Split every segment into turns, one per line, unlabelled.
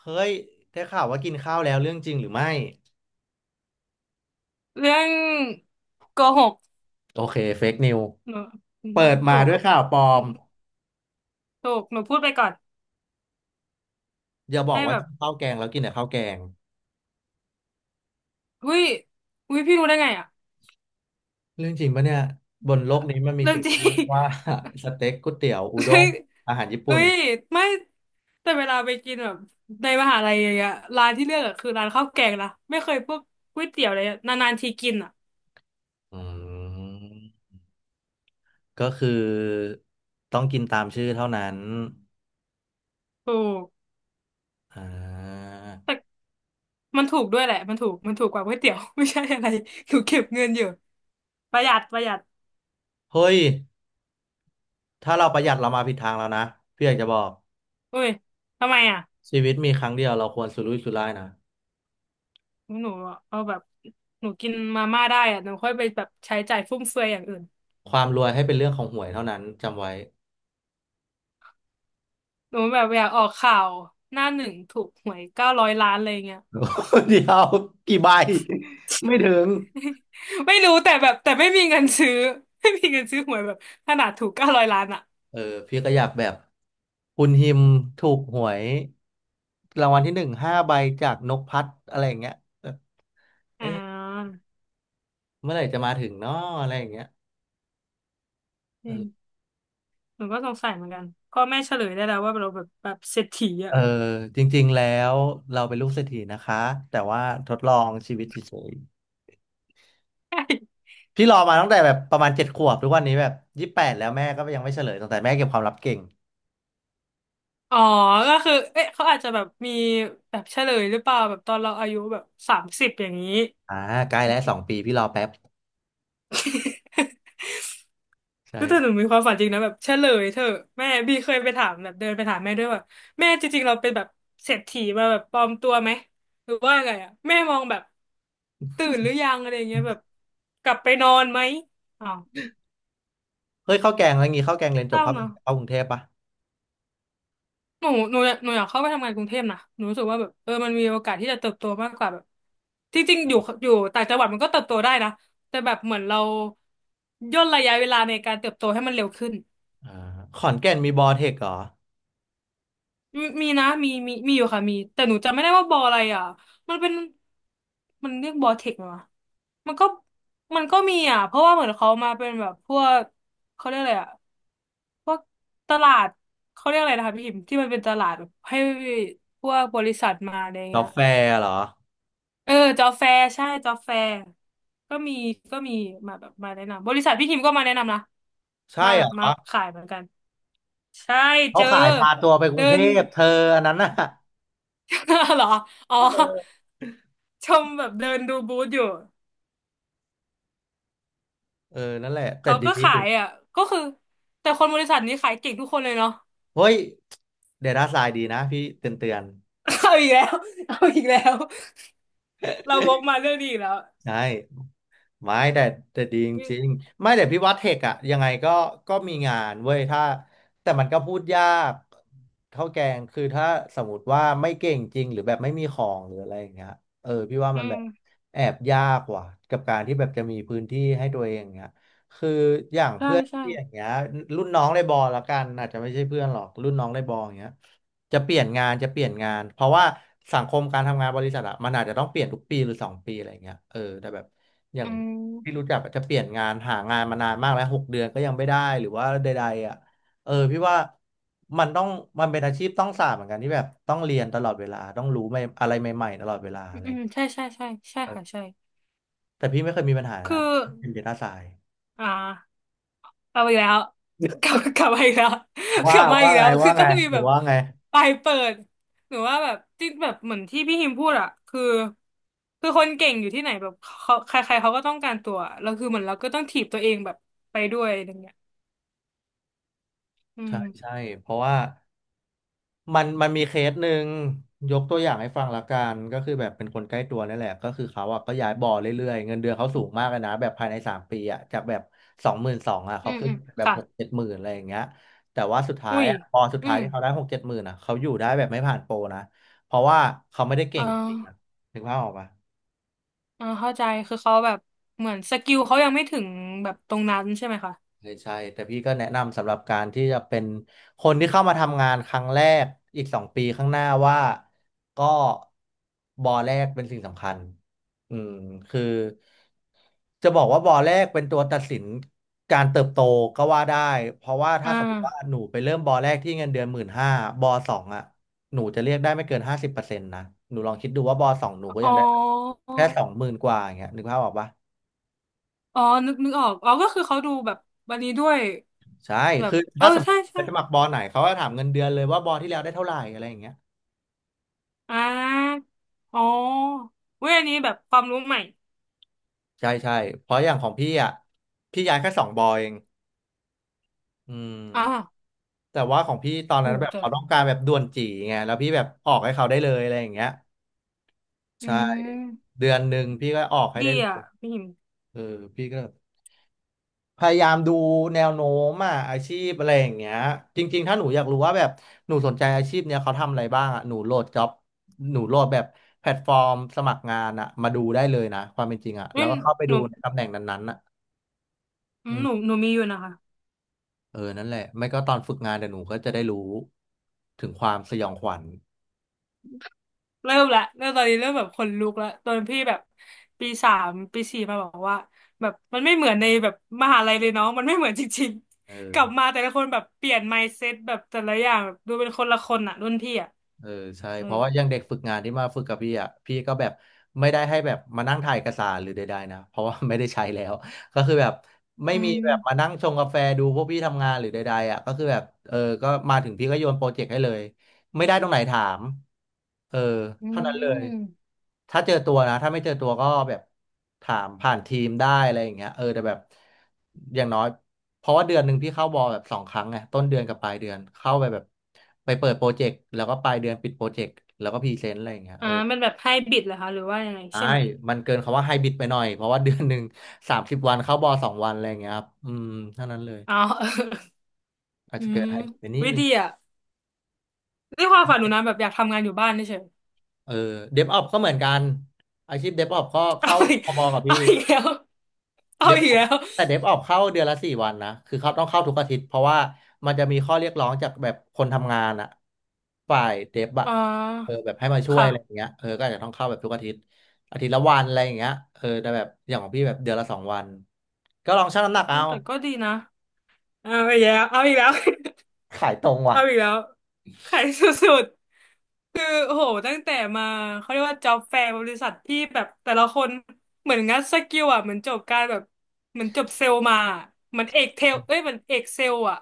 เฮ้ยได้ข่าวว่ากินข้าวแล้วเรื่องจริงหรือไม่
เรื่องโกหก
โอเคเฟกนิว
หนูอืม
เปิดมา
ถูก
ด้วยข่าวปลอ
อื
ม
มถูกหนูพูดไปก่อน
อย่าบอก
ให้
ว่า
แบ
กิ
บ
นข้าวแกงแล้วกินแต่ข้าวแกง
อุ้ยอุ้ยพี่รู้ได้ไงอะ
เรื่องจริงปะเนี่ยบนโลกนี้มันมี
เรื่อง
สิ่ง
จริ
ที่เรีย
ง
กว่า สเต็กก๋วยเตี๋ยวอุด้
เฮ้
ง
ย
อาหารญี่
เฮ้
ปุ่น
ยไม่แต่เวลาไปกินแบบในมหาลัยอย่างเงี้ยร้านที่เลือกอะคือร้านข้าวแกงนะไม่เคยพวกก๋วยเตี๋ยวเลยอะนานๆทีกินอะ
อืมก็คือต้องกินตามชื่อเท่านั้น
ถูก
อ่า
แต่มันถูกด้วยแหละมันถูกกว่าก๋วยเตี๋ยว ไม่ใช่อะไร หนูเก็บเงินอยู่ประหยัดประหยัด
เฮ้ยถ้าเราประหยัดเรามาผิดทางแล้วนะพี่อยากจะบอก
อุ้ยทำไมอะ
ชีวิตมีครั้งเดียวเราควรสุรุ่ยสุร่ายนะ
หนูเอาแบบหนูกินมาม่าได้อะหนูค่อยไปแบบใช้จ่ายฟุ่มเฟือยอย่างอื่น
ความรวยให้เป็นเรื่องของหวยเท่านั้นจำไว้
หนูแบบอยากออกข่าวหน้าหนึ่งถูกหวยเก้าร้อยล้านอะไรเงี้ย
เดียวกี่ใบไม่ถึง
ไม่รู้แต่แบบไม่มีเงินซื้อ ไม่มีเงินซื้อหวยแบบขนาดถูกเก้าร้อยล้านอ่ะ
เออพี่ก็อยากแบบคุณฮิมถูกหวยรางวัลที่ 15 ใบจากนกพัดอะไรอย่างเงี้ยแบบ
อ่
เอ๊ะ
า
เมื่อไหร่จะมาถึงเนาะอะไรอย่างเงี้ย
จ
เอ
ริง
อ
หนูก็สงสัยเหมือนกันพ่อแม่เฉลยได้แล้วว่าเราแบบเศรษฐี
เอ
อ่ะ
อจริงๆแล้วเราเป็นลูกเศรษฐีนะคะแต่ว่าทดลองชีวิตเฉยๆพี่รอมาตั้งแต่แบบประมาณ7 ขวบทุกวันนี้แบบ28แล้วแม่ก็ยังไม่เฉลยตั้งแต่แม่เก็บความลับเก่ง
อ๋อก็คือเอ๊ะเขาอาจจะแบบมีแบบเฉลยหรือเปล่าแบบตอนเราอายุแบบ30อย่างนี้
อ่าใกล้แล้วสองปีพี่รอแป๊บ ใช่
ก็แต่หนูมีความฝันจริงนะแบบเฉลยเธอะแม่บีเคยไปถามแบบเดินไปถามแม่ด้วยว่าแม่จริงๆเราเป็นแบบเศรษฐีมาแบบปลอมตัวไหมหรือว่าไงอ่ะแม่มองแบบตื่นหรือยังอะไรเงี้ยแบบกลับไปนอนไหมอ้าว
เฮ้ยข้าวแกงอะไรงี้ข้าวแกงเรียน
เศ
จบ
ร้า
ข้าวแกง
เนาะ
เข้ากรุงเทพปะ
หนูอยากเข้าไปทำงานกรุงเทพนะหนูรู้สึกว่าแบบเออมันมีโอกาสที่จะเติบโตมากกว่าแบบจริงๆอยู่ต่างจังหวัดมันก็เติบโตได้นะแต่แบบเหมือนเราย่นระยะเวลาในการเติบโตให้มันเร็วขึ้น
อ่าขอนแก่นมีบอเทคเหรอ
มีนะมีอยู่ค่ะมีแต่หนูจำไม่ได้ว่าบออะไรอ่ะมันเป็นมันเรียกบอเทคไหมวะมันก็มันก็มีอ่ะเพราะว่าเหมือนเขามาเป็นแบบพวกเขาเรียกอะไรอ่ะพวกตลาดเขาเรียกอะไรนะคะพี่พิมพ์ที่มันเป็นตลาดแบบให้พวกบริษัทมาอะไร
กา
เงี้ย
แฟเหรอ
เออจอแฟร์ใช่จอแฟร์ก็มีก็มีมาแบบมาแนะนำบริษัทพี่พิมพ์ก็มาแนะนำนะ
ใช่
มา
เห
แบ
ร
บมา
อ
ขายเหมือนกันใช่
เขา
เจอ
ขายพาตัวไปกรุ
เดิ
งเท
น
พเธออันนั้นน่ะ
เหรอ อ๋อ ชมแบบเดินดูบูธอยู่
เออนั่นแหละ แต่
เขา
ดี
ก็ขายอ่ะ ก็คือแต่คนบริษัทนี้ขายเก่งทุกคนเลยเนาะ
เฮ้ย เดต้าไซน์ดีนะพี่เตือนเตือน
เอาอีกแล้ว เอาอีกแล้ว เราวกมาเรื่องนี้อีกแล้ว
ใช่ไม่แต่ดีจ
มี
ริงๆไม่แต่พี่ว่าเทคอะยังไงก็มีงานเว้ยถ้าแต่มันก็พูดยากเท่าแกงคือถ้าสมมติว่าไม่เก่งจริงหรือแบบไม่มีของหรืออะไรอย่างเงี้ยเออพี่ว่า
อื
มันแบ
ม
บแอบยากว่ะกับการที่แบบจะมีพื้นที่ให้ตัวเองอย่างเงี้ยคืออย่าง
ใช่
เพื่อน
ใช่
พี่อย่างเงี้ยรุ่นน้องในบอละกันอาจจะไม่ใช่เพื่อนหรอกรุ่นน้องในบออย่างเงี้ย จะเปลี่ยนงานจะเปลี่ยนงานเพราะว่าสังคมการทำงานบริษัทอะมันอาจจะต้องเปลี่ยนทุกปีหรือสองปีอะไรเงี้ยเออแต่แบบอย่าง
อื
พี่รู้
ม
จักอะจะเปลี่ยนงานหางานมานานมากแล้ว6 เดือนก็ยังไม่ได้หรือว่าใดๆอะเออพี่ว่ามันต้องมันเป็นอาชีพต้องสาบเหมือนกันที่แบบต้องเรียนตลอดเวลาต้องรู้ใหม่อะไรใหม่ๆตลอดเวลา
อื
อะ
ม
ไร
อืมใช่ใช่ใช่ใช่
เอ
ค่ะ
อ
ใช่
แต่พี่ไม่เคยมีปัญหานะค
คือ
รับเป็นเดต้าไซ
อ่า กลับมาอีกแล้วกลับมาอีกแล้ว กลับมาอี
ว่า
กแล้
ไง
ว คื
ว่า
อ
ไง
ต้องมี
หรื
แบ
อ
บ
ว่าไง
ปลายเปิดหรือว่าแบบที่แบบเหมือนที่พี่ฮิมพูดอะคือคนเก่งอยู่ที่ไหนแบบเขาใครๆเขาก็ต้องการตัว แล้วคือเหมือนเราก็ต้องถีบตัวเองแบบไปด้วยอะไรเงี้ยอื
ใช่
ม
ใช่เพราะว่า มันมีเคสหนึ่งยกตัวอย่างให้ฟังละกันก็คือแบบเป็นคนใกล้ตัวนี่แหละก็คือเขาอ่ะก็ย้ายบ่อเรื่อยๆเงินเดือนเขาสูงมากเลยนะแบบภายใน3 ปีอ่ะจากแบบ22,000อ่ะ
อื
เขา
ม
ขึ้น
อืม
แบบ
ค่ะ
หกเจ็ดหมื่นอะไรอย่างเงี้ยแต่ว่าสุดท้า
อุ้
ย
ย
อ่ะพอสุด
อื
ท้าย
ม
ที่เขาได้หกเจ็ดหมื่นอ่ะเขาอยู่ได้แบบไม่ผ่านโปรนะเพราะว่าเขาไม่ได้เก่
เอ
งจริงอ่ะ
อ
ถึงภาพออกปะ
เออเข้าใจ คือเขาแบบเหมือนสกิลเขายังไม่ถึงแบบตรงนั้นใช่ไหมคะ
ใช่ใช่แต่พี่ก็แนะนำสำหรับการที่จะเป็นคนที่เข้ามาทำงานครั้งแรกอีกสองปีข้างหน้าว่าก็บอแรกเป็นสิ่งสำคัญอืมคือจะบอกว่าบอแรกเป็นตัวตัดสินการเติบโตก็ว่าได้เพราะว่าถ้า
อ่า
สมมติว่าหนูไปเริ่มบอแรกที่เงินเดือน15,000บอสองอ่ะหนูจะเรียกได้ไม่เกิน50%นะหนูลองคิดดูว่าบอสองหนูก็
อ๋อ
ยังได้แค่20,000 กว่าอย่างเงี้ยนึกภาพออกปะ
อ๋อนึกออกอ๋อก็คือเขาดูแบบวันนี้ด้วย
ใช่
แบบ
คือ
เออ
ถ้าสมม
ใช่
ติไป
ใช่
สมัครบอไหนเขาก็ถามเงินเดือนเลยว่าบอที่แล้วได้เท่าไหร่อะไรอย่างเงี้ย
อ่าอ๋อเว้ยอันนี้แบบความรู้ใหม่
ใช่ใช่เพราะอย่างของพี่อ่ะพี่ย้ายแค่สองบอเองอืม
อ่า
แต่ว่าของพี่ตอน
โห
นั้นแบบ
แต่
เขาต้องการแบบด่วนจีไงแล้วพี่แบบออกให้เขาได้เลยอะไรอย่างเงี้ย
อื
ใช่
ม
เดือนหนึ่งพี่ก็ออกให้ได้
ดี
เล
อ่ะ
ย
พี่หิม
เออพี่ก็ พยายามดูแนวโน้มอ่ะอาชีพอะไรอย่างเงี้ยจริงๆถ้าหนูอยากรู้ว่าแบบหนูสนใจอาชีพเนี้ยเขาทำอะไรบ้างอ่ะหนูโหลดจ็อบหนูโหลดแบบแพลตฟอร์มสมัครงานอ่ะมาดูได้เลยนะความเป็นจริงอ่ะแล้
นี่
วก็เข้าไป
ห
ดู
นู
ในตำแหน่งนั้นๆอ่ะ
อื
อื
ม
ม
หนูมีอยู่นะคะ
เออนั่นแหละไม่ก็ตอนฝึกงานเดี๋ยวหนูก็จะได้รู้ถึงความสยองขวัญ
เริ่มละเริ่มตอนนี้เริ่มแบบขนลุกละตอนพี่แบบปีสามปีสี่มาบอกว่าแบบมันไม่เหมือนในแบบมหาลัยเลยเนาะมันไม่เหมือนจริง
เออ
ๆกลับมาแต่ละคนแบบเปลี่ยน mindset แบบแต่ละอย่างแบบดูเป็นคนละคนอ่ะรุ่นพี่อ่ะ
เออใช่
เออ
เพราะว่าอย่างเด็กฝึกงานที่มาฝึกกับพี่อ่ะพี่ก็แบบไม่ได้ให้แบบมานั่งถ่ายเอกสารหรือใดๆนะเพราะว่าไม่ได้ใช้แล้วก็คือแบบไม่
อื
มีแบบมา
ม
นั่งชงกาแฟดูพวกพี่ทำงานหรือใดๆอ่ะก็คือแบบเออก็มาถึงพี่ก็โยนโปรเจกต์ให้เลยไม่ได้ตรงไหนถามเออ
อื
เท่านั้นเลย
ม
ถ้าเจอตัวนะถ้าไม่เจอตัวก็แบบถามผ่านทีมได้อะไรอย่างเงี้ยเออแต่แบบอย่างน้อยเพราะว่าเดือนหนึ่งพี่เข้าบอลแบบ2 ครั้งไงต้นเดือนกับปลายเดือนเข้าไปแบบไปเปิดโปรเจกต์แล้วก็ปลายเดือนปิดโปรเจกต์แล้วก็พรีเซนต์อะไรอย่างเงี้ย
อ่า
เออ
มันแบบไฮบริดเหรอคะหรือว่ายังไง
ใช่
ใช่ไหม
มันเกินคำว่าไฮบริดไปหน่อยเพราะว่าเดือนหนึ่ง 30 วันเข้าบอลสองวันอะไรอย่างเงี้ยครับอืมเท่านั้นเลย
อ๋อเออ
อา จ
อื
จะเกิด
ม
ไฮบริดไปนิด
วิ
นึง
ธีอ่ะนี่ความฝันหนูนะแบบอยากทำงานอยู่บ้านเฉย
เออเดฟออก็เหมือนกันอาชีพเดฟออปก็
ๆ เอา
เข้า
อีก
พบกับ
เอา
พี่
อีกแล้วเอา
เดฟ
อีกแล้ว
แต่เดฟออกเข้าเดือนละ4 วันนะคือเขาต้องเข้าทุกอาทิตย์เพราะว่ามันจะมีข้อเรียกร้องจากแบบคนทำงานอะฝ่ายเดฟอะ
อ่
เออ
า
แบบให้มาช่วยอะไรอย่า
ค่ะ
งเงี้ยเออก็อาจจะต้องเข้าแบบทุกอาทิตย์อาทิตย์ละวันอะไรอย่างเงี้ยเออแต่แบบอย่างของพี่แบบเดือนละสองวันก็ลองชั่งน้ำหนัก
เฮ้
เอา
ยแต่ก็ดีนะเอาอีกแล้วเอาอีกแล้ว
ขายตรง ว่ะ
เอาอีกแล้วขายสุดๆคือโอ้โหตั้งแต่มาเขาเรียกว่าจ็อบแฟร์บริษัทที่แบบแต่ละคนเหมือนงัดสกิลอ่ะเหมือนจบการแบบเหมือนจบเซลล์มาอะเหมือนเอกเทลเอ้ยเหมือนเอกเซลล์อ่ะ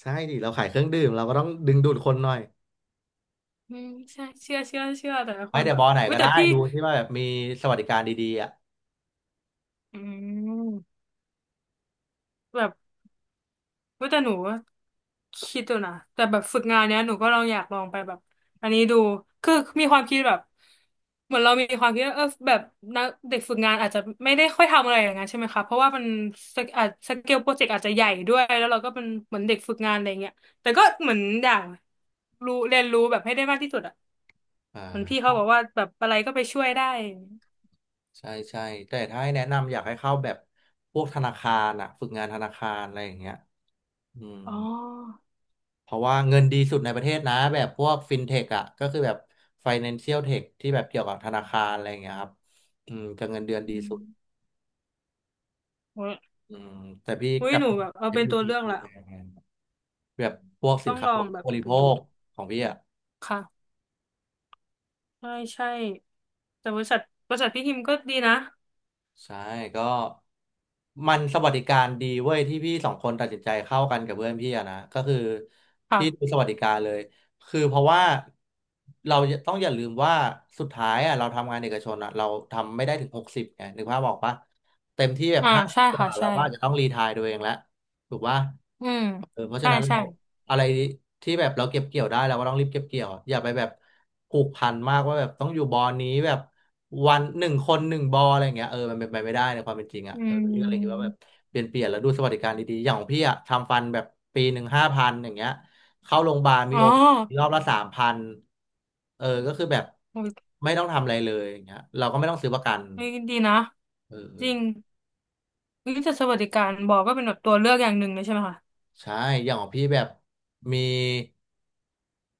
ใช่ดิเราขายเครื่องดื่มเราก็ต้องดึงดูดคนหน่อย
อืมใช่เชื่อเชื่อแต่ละ
ไป
คน
เด
แบ
อะบ
บ
อไหน
อุ้ย
ก็
แต่
ได้
พี่
ดูที่ว่าแบบมีสวัสดิการดีๆอ่ะ
อืม แบบเว้ยแต่หนูคิดดูนะแต่แบบฝึกงานเนี้ยหนูก็ลองอยากลองไปแบบอันนี้ดูคือมีความคิดแบบเหมือนเรามีความคิดว่าเออแบบนักเด็กฝึกงานอาจจะไม่ได้ค่อยทำอะไรอย่างนั้นใช่ไหมคะเพราะว่ามันสเกอาจสเกลโปรเจกต์อาจจะใหญ่ด้วยแล้วเราก็เป็นเหมือนเด็กฝึกงานอะไรเงี้ยแต่ก็เหมือนอยากรู้เรียนรู้แบบให้ได้มากที่สุดอ่ะ
อ่
เหมือนพี่เขา
า
บอกว่าแบบอะไรก็ไปช่วยได้
ใช่ใช่แต่ถ้าให้แนะนำอยากให้เข้าแบบพวกธนาคารอะฝึกงานธนาคารอะไรอย่างเงี้ยอืม
อ๋อ
เพราะว่าเงินดีสุดในประเทศนะแบบพวกฟินเทคอะก็คือแบบ Financial Tech ที่แบบเกี่ยวกับธนาคารอะไรอย่างเงี้ยครับอืมจะเงินเดือนดี
อื
สุด
มโอ้ย
อืมแต่พี่
อุ๊ย
กับ
หนูแบบเอาเป็นตัว
FMP
เลือกละ
ไปทำงนแบบพวกสิ
ต้
น
อง
ค้า
ลอ
อุ
ง
ป
แบ
โภค
บ
บริ
ไป
โภ
ดู
คของพี่อะ
ค่ะ ใช่ใช่แต่บริษัทพี่ฮิมก็ดีนะ
ใช่ก็มันสวัสดิการดีเว้ยที่พี่สองคนตัดสินใจเข้ากันกับเพื่อนพี่อะนะก็คือ
ค่ะ
พี่ดูสวัสดิการเลยคือเพราะว่าเราต้องอย่าลืมว่าสุดท้ายอะเราทำงานเอกชนอะเราทำไม่ได้ถึง60ไงนึกภาพออกปะเต็มที่แบบ
อ่า
50
ใช่
ก
ค่ะ
ว่าเรา
ใช่
ก็อาจจะต้องรีไทร์ตัวเองแล้ว ถูกว่า
อืม
เออเพราะฉะ
ใช่
นั้น
ใช่
เราอะไรที่แบบเราเก็บเกี่ยวได้เราก็ต้องรีบเก็บเกี่ยวอะอย่าไปแบบผูกพันมากว่าแบบต้องอยู่บอลนี้แบบวันหนึ่งคนหนึ่งบอลอะไรอย่างเงี้ยเออมันเป็นไปไม่ได้ในความเป็นจริงอ่ะ
อื
เออพี่ก็เลยคิดว่า
ม
แบบเปลี่ยนเปลี่ยนแล้วดูสวัสดิการดีๆอย่างของพี่อ่ะทำฟันแบบปีหนึ่ง5,000อย่างเงี้ยเข้าโรงพยาบาลมี
อ๋อ
โอรอบละ3,000เออก็คือแบบ
โอ้ย
ไม่ต้องทำอะไรเลยอย่างเงี้ยเราก็ไม่ต้องซื้อประกัน
เฮ้ยดีนะ
เอ
จ
อ
ริงวิทยสวัสดิการบอกก็เป็นแบบตัวเลือกอย่างหนึ่งเลยใช่ไหมคะ
ใช่อย่างของพี่แบบมี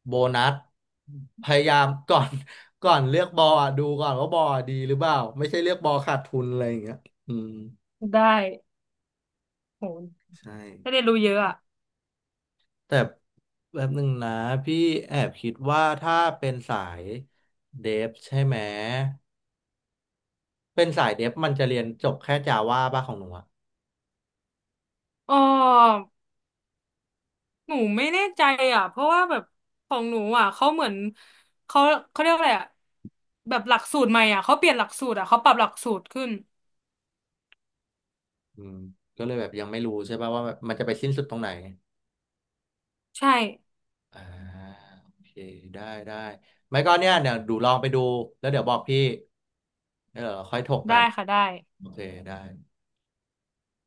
โบนัสพยายาม ก่อน ก่อนเลือกบอลอะดูก่อนว่าบอลอะดีหรือเปล่าไม่ใช่เลือกบอลขาดทุนอะไรอย่างเงี้ยอืม
ได้โห
ใช่
ได้เรียนรู้เยอะอ่ะ
แต่แบบหนึ่งนะพี่แอบคิดว่าถ้าเป็นสายเดฟใช่ไหมเป็นสายเดฟมันจะเรียนจบแค่จาว่าป่ะของหนูอะ
อ๋อหนูไม่แน่ใจอ่ะเพราะว่าแบบของหนูอ่ะเขาเหมือนเขาเขาเรียกว่าอะไรอ่ะแบบหลักสูตรใหม่อ่ะเขาเปลี่ยนหลักสูตรอ่ะเขาปรับหลักสูตรขึ้น
อืมก็เลยแบบยังไม่รู้ใช่ป่ะว่าแบบมันจะไปสิ้นสุดตรงไหน
ใช่
อ่าโอเคได้ได้ไม่ก็เนี่ยเดี๋ยวดูลองไปดูแล้วเดี๋ยวบอกพี่เดีวค่อยถกกั
ได้
น
ค่ะได้
โอเคได้